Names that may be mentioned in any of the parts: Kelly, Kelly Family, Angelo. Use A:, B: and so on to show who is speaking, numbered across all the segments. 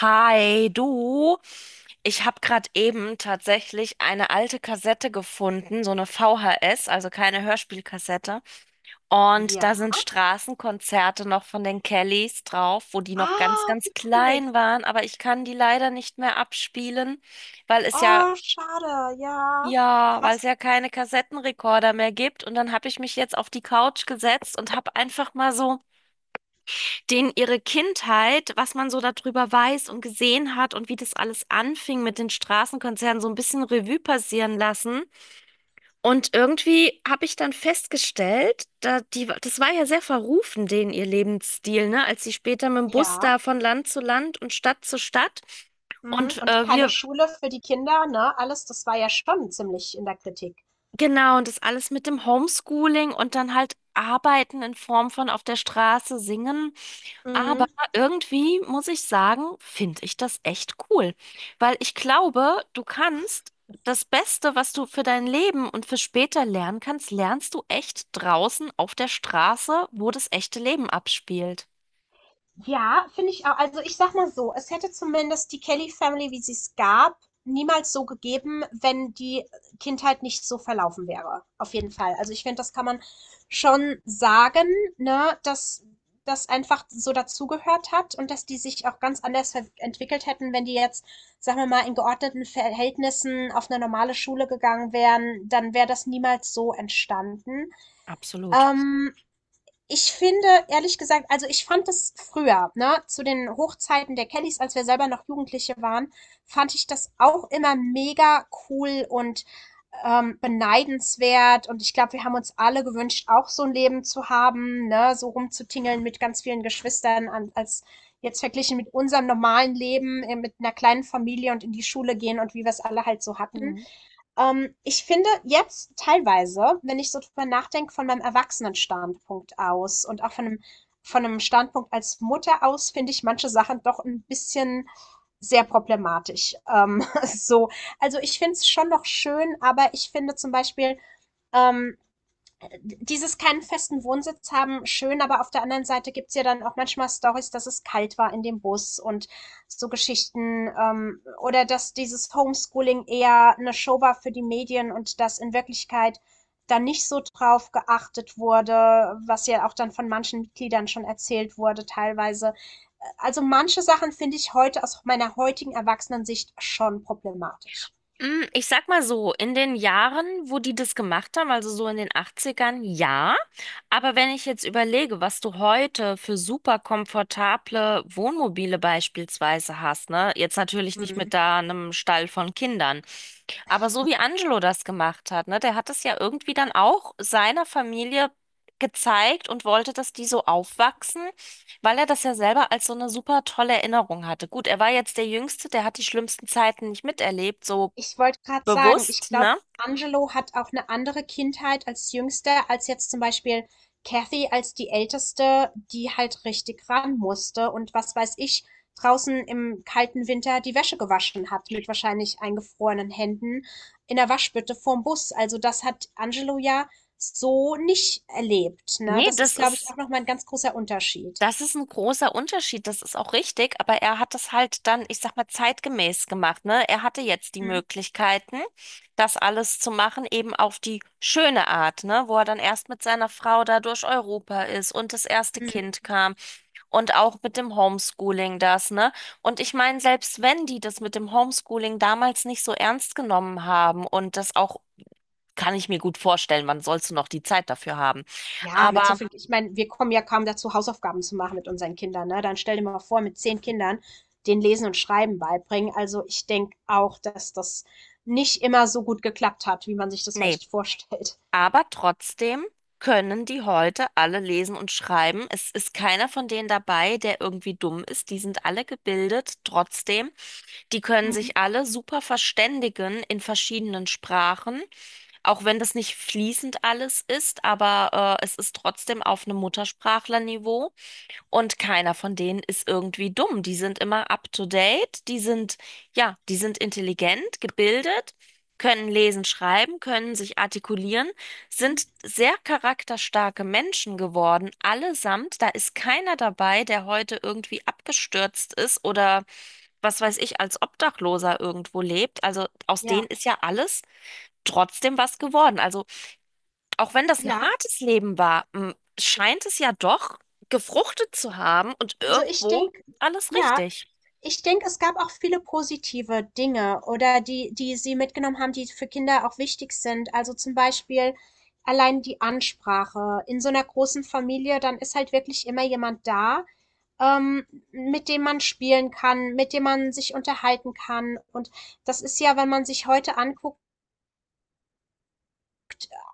A: Hi, du. Ich habe gerade eben tatsächlich eine alte Kassette gefunden, so eine VHS, also keine Hörspielkassette. Und
B: Ja.
A: da sind Straßenkonzerte noch von den Kellys drauf, wo die noch ganz,
B: Ah,
A: ganz
B: wie cool.
A: klein waren. Aber ich kann die leider nicht mehr abspielen, weil es ja,
B: Oh, schade. Ja.
A: ja, weil es
B: Krass.
A: ja keine Kassettenrekorder mehr gibt. Und dann habe ich mich jetzt auf die Couch gesetzt und habe einfach mal so denen ihre Kindheit, was man so darüber weiß und gesehen hat und wie das alles anfing mit den Straßenkonzernen, so ein bisschen Revue passieren lassen. Und irgendwie habe ich dann festgestellt, das war ja sehr verrufen, denen ihr Lebensstil, ne? Als sie später mit dem Bus
B: Ja.
A: da von Land zu Land und Stadt zu Stadt
B: Mhm.
A: und
B: Und
A: äh,
B: keine
A: wir,
B: Schule für die Kinder, ne? Alles, das war ja schon ziemlich in der Kritik.
A: genau, und das alles mit dem Homeschooling und dann halt Arbeiten in Form von auf der Straße singen. Aber
B: Mhm.
A: irgendwie muss ich sagen, finde ich das echt cool, weil ich glaube, du kannst das Beste, was du für dein Leben und für später lernen kannst, lernst du echt draußen auf der Straße, wo das echte Leben abspielt.
B: Ja, finde ich auch. Also ich sag mal so, es hätte zumindest die Kelly Family, wie sie es gab, niemals so gegeben, wenn die Kindheit nicht so verlaufen wäre. Auf jeden Fall. Also ich finde, das kann man schon sagen, ne, dass das einfach so dazugehört hat und dass die sich auch ganz anders entwickelt hätten, wenn die jetzt, sagen wir mal, in geordneten Verhältnissen auf eine normale Schule gegangen wären, dann wäre das niemals so entstanden.
A: Absolut.
B: Ähm, Ich finde, ehrlich gesagt also, ich fand das früher, ne, zu den Hochzeiten der Kellys, als wir selber noch Jugendliche waren, fand ich das auch immer mega cool und, beneidenswert. Und ich glaube, wir haben uns alle gewünscht, auch so ein Leben zu haben, ne, so rumzutingeln mit ganz vielen Geschwistern an als jetzt verglichen mit unserem normalen Leben, mit einer kleinen Familie und in die Schule gehen und wie wir's alle halt so hatten.
A: Mhm.
B: Ich finde jetzt teilweise, wenn ich so drüber nachdenke, von meinem Erwachsenenstandpunkt aus und auch von einem Standpunkt als Mutter aus, finde ich manche Sachen doch ein bisschen sehr problematisch. So, also ich finde es schon noch schön, aber ich finde zum Beispiel, ähm, dieses keinen festen Wohnsitz haben, schön, aber auf der anderen Seite gibt's ja dann auch manchmal Stories, dass es kalt war in dem Bus und so Geschichten oder dass dieses Homeschooling eher eine Show war für die Medien und dass in Wirklichkeit da nicht so drauf geachtet wurde, was ja auch dann von manchen Mitgliedern schon erzählt wurde teilweise. Also manche Sachen finde ich heute aus meiner heutigen Erwachsenensicht schon problematisch.
A: Ich sag mal so, in den Jahren, wo die das gemacht haben, also so in den Achtzigern, ja. Aber wenn ich jetzt überlege, was du heute für super komfortable Wohnmobile beispielsweise hast, ne? Jetzt natürlich nicht mit
B: Mhm.
A: da einem Stall von Kindern, aber so wie Angelo das gemacht hat, ne? Der hat es ja irgendwie dann auch seiner Familie gezeigt und wollte, dass die so aufwachsen, weil er das ja selber als so eine super tolle Erinnerung hatte. Gut, er war jetzt der Jüngste, der hat die schlimmsten Zeiten nicht miterlebt, so
B: Ich wollte gerade sagen, ich
A: bewusst,
B: glaube,
A: ne?
B: Angelo hat auch eine andere Kindheit als Jüngster, als jetzt zum Beispiel Kathy als die Älteste, die halt richtig ran musste und was weiß ich, draußen im kalten Winter die Wäsche gewaschen hat mit wahrscheinlich eingefrorenen Händen in der Waschbütte vorm Bus. Also das hat Angelo ja so nicht erlebt, ne?
A: Nee,
B: Das ist, glaube ich, auch nochmal ein ganz großer Unterschied.
A: das ist ein großer Unterschied, das ist auch richtig, aber er hat das halt dann, ich sag mal, zeitgemäß gemacht, ne? Er hatte jetzt die
B: Mhm.
A: Möglichkeiten, das alles zu machen, eben auf die schöne Art, ne? Wo er dann erst mit seiner Frau da durch Europa ist und das erste Kind kam. Und auch mit dem Homeschooling das, ne? Und ich meine, selbst wenn die das mit dem Homeschooling damals nicht so ernst genommen haben und das auch, kann ich mir gut vorstellen, wann sollst du noch die Zeit dafür haben?
B: Ja, mit so
A: Aber
B: viel, ich meine, wir kommen ja kaum dazu, Hausaufgaben zu machen mit unseren Kindern, ne? Dann stell dir mal vor, mit zehn Kindern den Lesen und Schreiben beibringen. Also ich denke auch, dass das nicht immer so gut geklappt hat, wie man sich das
A: Nee,
B: vielleicht vorstellt.
A: aber trotzdem können die heute alle lesen und schreiben. Es ist keiner von denen dabei, der irgendwie dumm ist. Die sind alle gebildet, trotzdem. Die können
B: Mhm.
A: sich alle super verständigen in verschiedenen Sprachen, auch wenn das nicht fließend alles ist, aber es ist trotzdem auf einem Muttersprachlerniveau. Und keiner von denen ist irgendwie dumm. Die sind immer up to date. Ja, die sind intelligent, gebildet, können lesen, schreiben, können sich artikulieren,
B: Mhm.
A: sind sehr charakterstarke Menschen geworden, allesamt. Da ist keiner dabei, der heute irgendwie abgestürzt ist oder was weiß ich, als Obdachloser irgendwo lebt. Also aus denen
B: Ja,
A: ist ja alles trotzdem was geworden. Also auch wenn das ein
B: ja.
A: hartes Leben war, scheint es ja doch gefruchtet zu haben und
B: Also ich
A: irgendwo
B: denke,
A: alles
B: ja,
A: richtig.
B: Ich denke, es gab auch viele positive Dinge oder die, die sie mitgenommen haben, die für Kinder auch wichtig sind. Also zum Beispiel allein die Ansprache. In so einer großen Familie, dann ist halt wirklich immer jemand da, ähm, mit dem man spielen kann, mit dem man sich unterhalten kann. Und das ist ja, wenn man sich heute anguckt,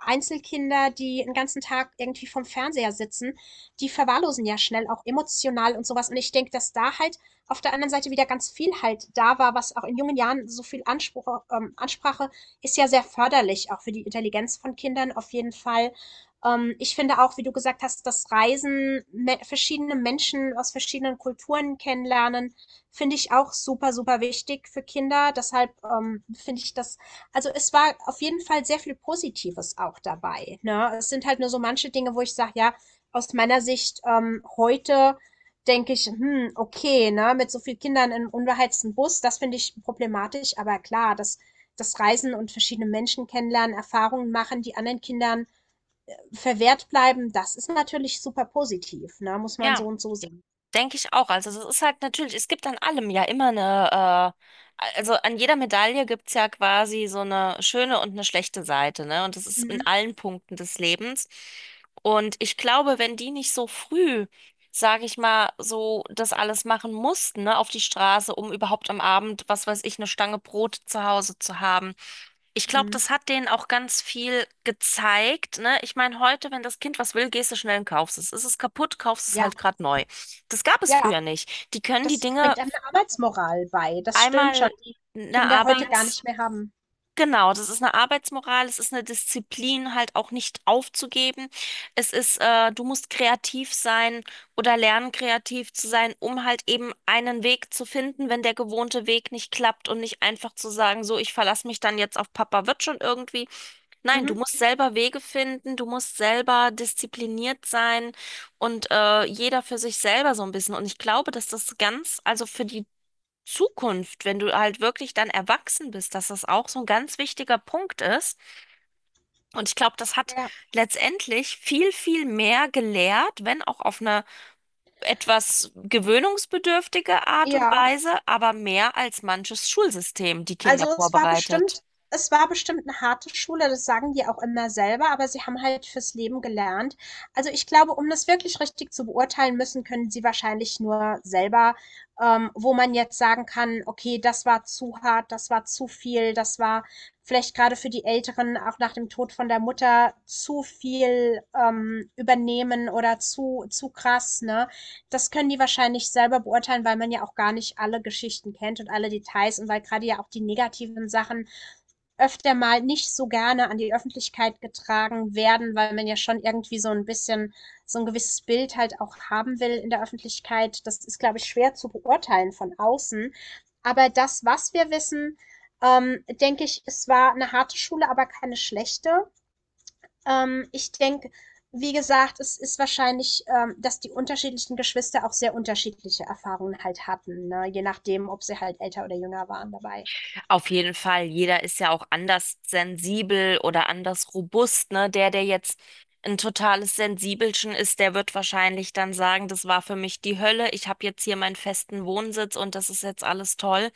B: Einzelkinder, die den ganzen Tag irgendwie vorm Fernseher sitzen, die verwahrlosen ja schnell auch emotional und sowas. Und ich denke, dass da halt auf der anderen Seite wieder ganz viel halt da war, was auch in jungen Jahren so viel Anspruch Ansprache ist ja sehr förderlich, auch für die Intelligenz von Kindern auf jeden Fall. Ich finde auch, wie du gesagt hast, das Reisen, me verschiedene Menschen aus verschiedenen Kulturen kennenlernen, finde ich auch super, super wichtig für Kinder. Deshalb, finde ich das also, es war auf jeden Fall sehr viel Positives auch dabei, ne? Es sind halt nur so manche Dinge, wo ich sage, ja, aus meiner Sicht, heute denke ich: „Hm, okay, ne, mit so vielen Kindern in 'nem unbeheizten Bus, das finde ich problematisch.“ Aber klar, das das Reisen und verschiedene Menschen kennenlernen, Erfahrungen machen, die anderen Kindern verwehrt bleiben, das ist natürlich super positiv, ne? Muss man so
A: Ja,
B: und so sehen.
A: denke ich auch. Also das ist halt natürlich, es gibt an allem ja immer eine, also an jeder Medaille gibt es ja quasi so eine schöne und eine schlechte Seite, ne? Und das ist in
B: Mhm,
A: allen Punkten des Lebens. Und ich glaube, wenn die nicht so früh, sage ich mal, so das alles machen mussten, ne, auf die Straße, um überhaupt am Abend, was weiß ich, eine Stange Brot zu Hause zu haben, ich glaube,
B: mhm.
A: das hat denen auch ganz viel gezeigt, ne? Ich meine, heute, wenn das Kind was will, gehst du schnell und kaufst es. Ist es kaputt, kaufst es
B: Ja,
A: halt gerade neu. Das gab es
B: ja,
A: früher nicht. Die können die
B: das
A: Dinge
B: bringt einem 'ne Arbeitsmoral bei. Das stimmt schon,
A: einmal
B: die
A: eine
B: Kinder heute gar
A: Arbeits...
B: nicht mehr haben.
A: Genau, das ist eine Arbeitsmoral, es ist eine Disziplin, halt auch nicht aufzugeben. Es ist, du musst kreativ sein oder lernen, kreativ zu sein, um halt eben einen Weg zu finden, wenn der gewohnte Weg nicht klappt und nicht einfach zu sagen, so, ich verlasse mich dann jetzt auf Papa, wird schon irgendwie. Nein, du
B: Mhm.
A: musst selber Wege finden, du musst selber diszipliniert sein und jeder für sich selber so ein bisschen. Und ich glaube, dass das ganz, also für die Zukunft, wenn du halt wirklich dann erwachsen bist, dass das auch so ein ganz wichtiger Punkt ist. Und ich glaube, das hat
B: Ja,
A: letztendlich viel, viel mehr gelehrt, wenn auch auf eine etwas gewöhnungsbedürftige Art und
B: ja.
A: Weise, aber mehr als manches Schulsystem die Kinder
B: Also, es war
A: vorbereitet.
B: bestimmt es war bestimmt eine harte Schule, das sagen die auch immer selber, aber sie haben halt fürs Leben gelernt. Also, ich glaube, um das wirklich richtig zu beurteilen müssen, können sie wahrscheinlich nur selber, wo man jetzt sagen kann: „Okay, das war zu hart, das war zu viel, das war vielleicht gerade für die Älteren auch nach dem Tod von der Mutter zu viel, übernehmen oder zu krass“, ne? Das können die wahrscheinlich selber beurteilen, weil man ja auch gar nicht alle Geschichten kennt und alle Details und weil gerade ja auch die negativen Sachen öfter mal nicht so gerne an die Öffentlichkeit getragen werden, weil man ja schon irgendwie so ein bisschen so ein gewisses Bild halt auch haben will in der Öffentlichkeit. Das ist, glaube ich, schwer zu beurteilen von außen. Aber das, was wir wissen, denke ich, es war eine harte Schule, aber keine schlechte. Ich denke, wie gesagt, es ist wahrscheinlich, dass die unterschiedlichen Geschwister auch sehr unterschiedliche Erfahrungen halt hatten, ne? Je nachdem, ob sie halt älter oder jünger waren dabei.
A: Auf jeden Fall, jeder ist ja auch anders sensibel oder anders robust, ne? Der jetzt ein totales Sensibelchen ist, der wird wahrscheinlich dann sagen, das war für mich die Hölle, ich habe jetzt hier meinen festen Wohnsitz und das ist jetzt alles toll.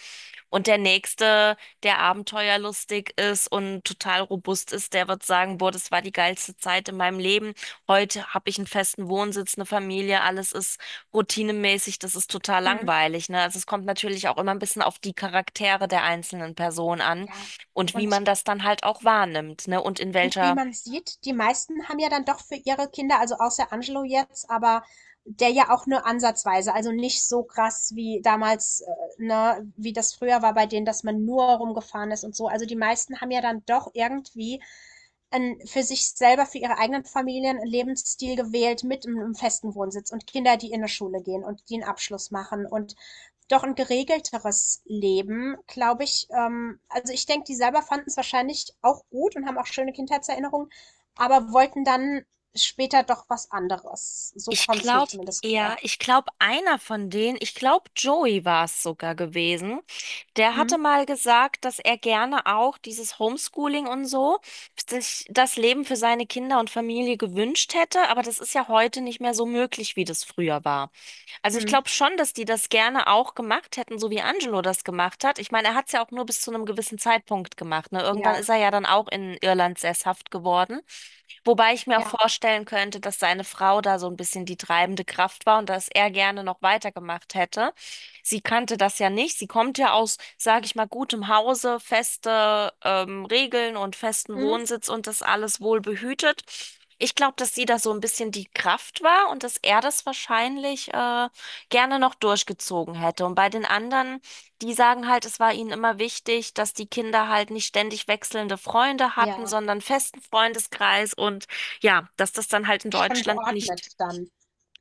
A: Und der Nächste, der abenteuerlustig ist und total robust ist, der wird sagen, boah, das war die geilste Zeit in meinem Leben. Heute habe ich einen festen Wohnsitz, eine Familie, alles ist routinemäßig, das ist total
B: Mhm.
A: langweilig, ne? Also es kommt natürlich auch immer ein bisschen auf die Charaktere der einzelnen Person an
B: Ja.
A: und wie
B: Und
A: man das dann halt auch wahrnimmt, ne?
B: und wie man sieht, die meisten haben ja dann doch für ihre Kinder, also außer Angelo jetzt, aber der ja auch nur ansatzweise, also nicht so krass wie damals, ne, wie das früher war bei denen, dass man nur rumgefahren ist und so. Also die meisten haben ja dann doch irgendwie für sich selber, für ihre eigenen Familien einen Lebensstil gewählt mit einem festen Wohnsitz und Kinder, die in eine Schule gehen und die einen Abschluss machen und doch ein geregelteres Leben, glaube ich, also, ich denke, die selber fanden es wahrscheinlich auch gut und haben auch schöne Kindheitserinnerungen, aber wollten dann später doch was anderes. So
A: Ich
B: kommt es mir
A: glaube,
B: zumindest
A: ja,
B: vor.
A: ich glaube, einer von denen, ich glaube, Joey war es sogar gewesen, der
B: Mhm,
A: hatte mal gesagt, dass er gerne auch dieses Homeschooling und so, sich das Leben für seine Kinder und Familie gewünscht hätte, aber das ist ja heute nicht mehr so möglich, wie das früher war. Also ich
B: mhm,
A: glaube schon, dass die das gerne auch gemacht hätten, so wie Angelo das gemacht hat. Ich meine, er hat es ja auch nur bis zu einem gewissen Zeitpunkt gemacht, ne? Irgendwann
B: ja,
A: ist er ja dann auch in Irland sesshaft geworden. Wobei ich mir auch
B: ja,
A: vorstellen könnte, dass seine Frau da so ein bisschen die treibende Kraft war und dass er gerne noch weitergemacht hätte. Sie kannte das ja nicht. Sie kommt ja aus, sage ich mal, gutem Hause, feste Regeln und festen
B: mhm,
A: Wohnsitz und das alles wohl behütet. Ich glaube, dass sie da so ein bisschen die Kraft war und dass er das wahrscheinlich gerne noch durchgezogen hätte. Und bei den anderen. Die sagen halt, es war ihnen immer wichtig, dass die Kinder halt nicht ständig wechselnde Freunde hatten,
B: ja,
A: sondern festen Freundeskreis und ja, dass das dann halt in
B: schon
A: Deutschland
B: geordnet
A: nicht,
B: dann.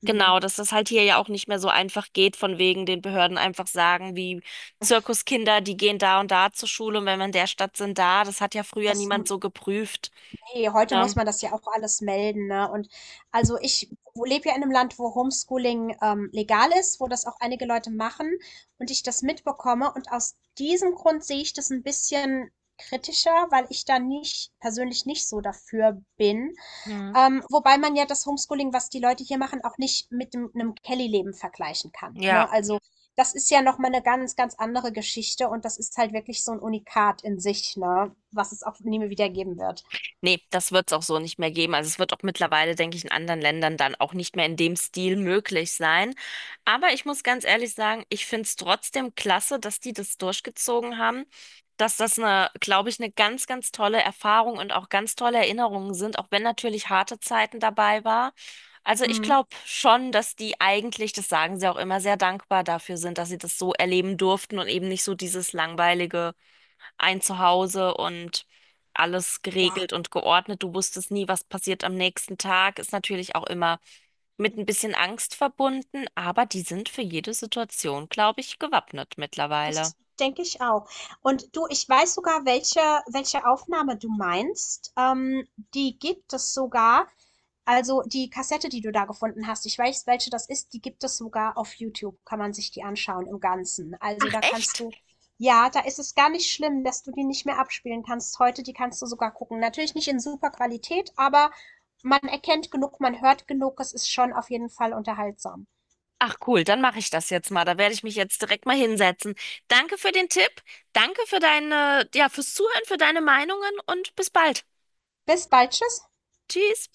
B: Mhm.
A: genau, dass das halt hier ja auch nicht mehr so einfach geht, von wegen den Behörden einfach sagen, wie Zirkuskinder, die gehen da und da zur Schule und wenn wir in der Stadt sind, da. Das hat ja früher
B: Das
A: niemand so geprüft,
B: heute
A: ne?
B: muss man das ja auch alles melden, ne? Und also ich lebe ja in einem Land, wo Homeschooling legal ist, wo das auch einige Leute machen und ich das mitbekomme. Und aus diesem Grund sehe ich das ein bisschen kritischer, weil ich da nicht persönlich nicht so dafür bin.
A: Hm.
B: Wobei man ja das Homeschooling, was die Leute hier machen, auch nicht mit dem, einem Kelly-Leben vergleichen kann,
A: Ja.
B: ne? Also das ist ja nochmal eine ganz, ganz andere Geschichte und das ist halt wirklich so ein Unikat in sich, ne? Was es auch nie mehr wieder geben wird.
A: Nee, das wird es auch so nicht mehr geben. Also es wird auch mittlerweile, denke ich, in anderen Ländern dann auch nicht mehr in dem Stil möglich sein. Aber ich muss ganz ehrlich sagen, ich finde es trotzdem klasse, dass die das durchgezogen haben, dass das eine, glaube ich, eine ganz, ganz tolle Erfahrung und auch ganz tolle Erinnerungen sind, auch wenn natürlich harte Zeiten dabei war. Also ich
B: Hm.
A: glaube schon, dass die eigentlich, das sagen sie auch immer, sehr dankbar dafür sind, dass sie das so erleben durften und eben nicht so dieses langweilige ein Zuhause und alles
B: Ja,
A: geregelt und geordnet. Du wusstest nie, was passiert am nächsten Tag. Ist natürlich auch immer mit ein bisschen Angst verbunden, aber die sind für jede Situation, glaube ich, gewappnet mittlerweile.
B: das denke ich auch. Und du, ich weiß sogar, welche Aufnahme du meinst. Die gibt es sogar. Also die Kassette, die du da gefunden hast, ich weiß, welche das ist, die gibt es sogar auf YouTube. Kann man sich die anschauen im Ganzen. Also
A: Ach
B: da kannst
A: echt?
B: du, ja, da ist es gar nicht schlimm, dass du die nicht mehr abspielen kannst heute. Die kannst du sogar gucken. Natürlich nicht in super Qualität, aber man erkennt genug, man hört genug. Es ist schon auf jeden Fall unterhaltsam.
A: Ach cool, dann mache ich das jetzt mal. Da werde ich mich jetzt direkt mal hinsetzen. Danke für den Tipp, danke für deine, ja, fürs Zuhören, für deine Meinungen und bis bald.
B: Bis bald, tschüss.
A: Tschüss.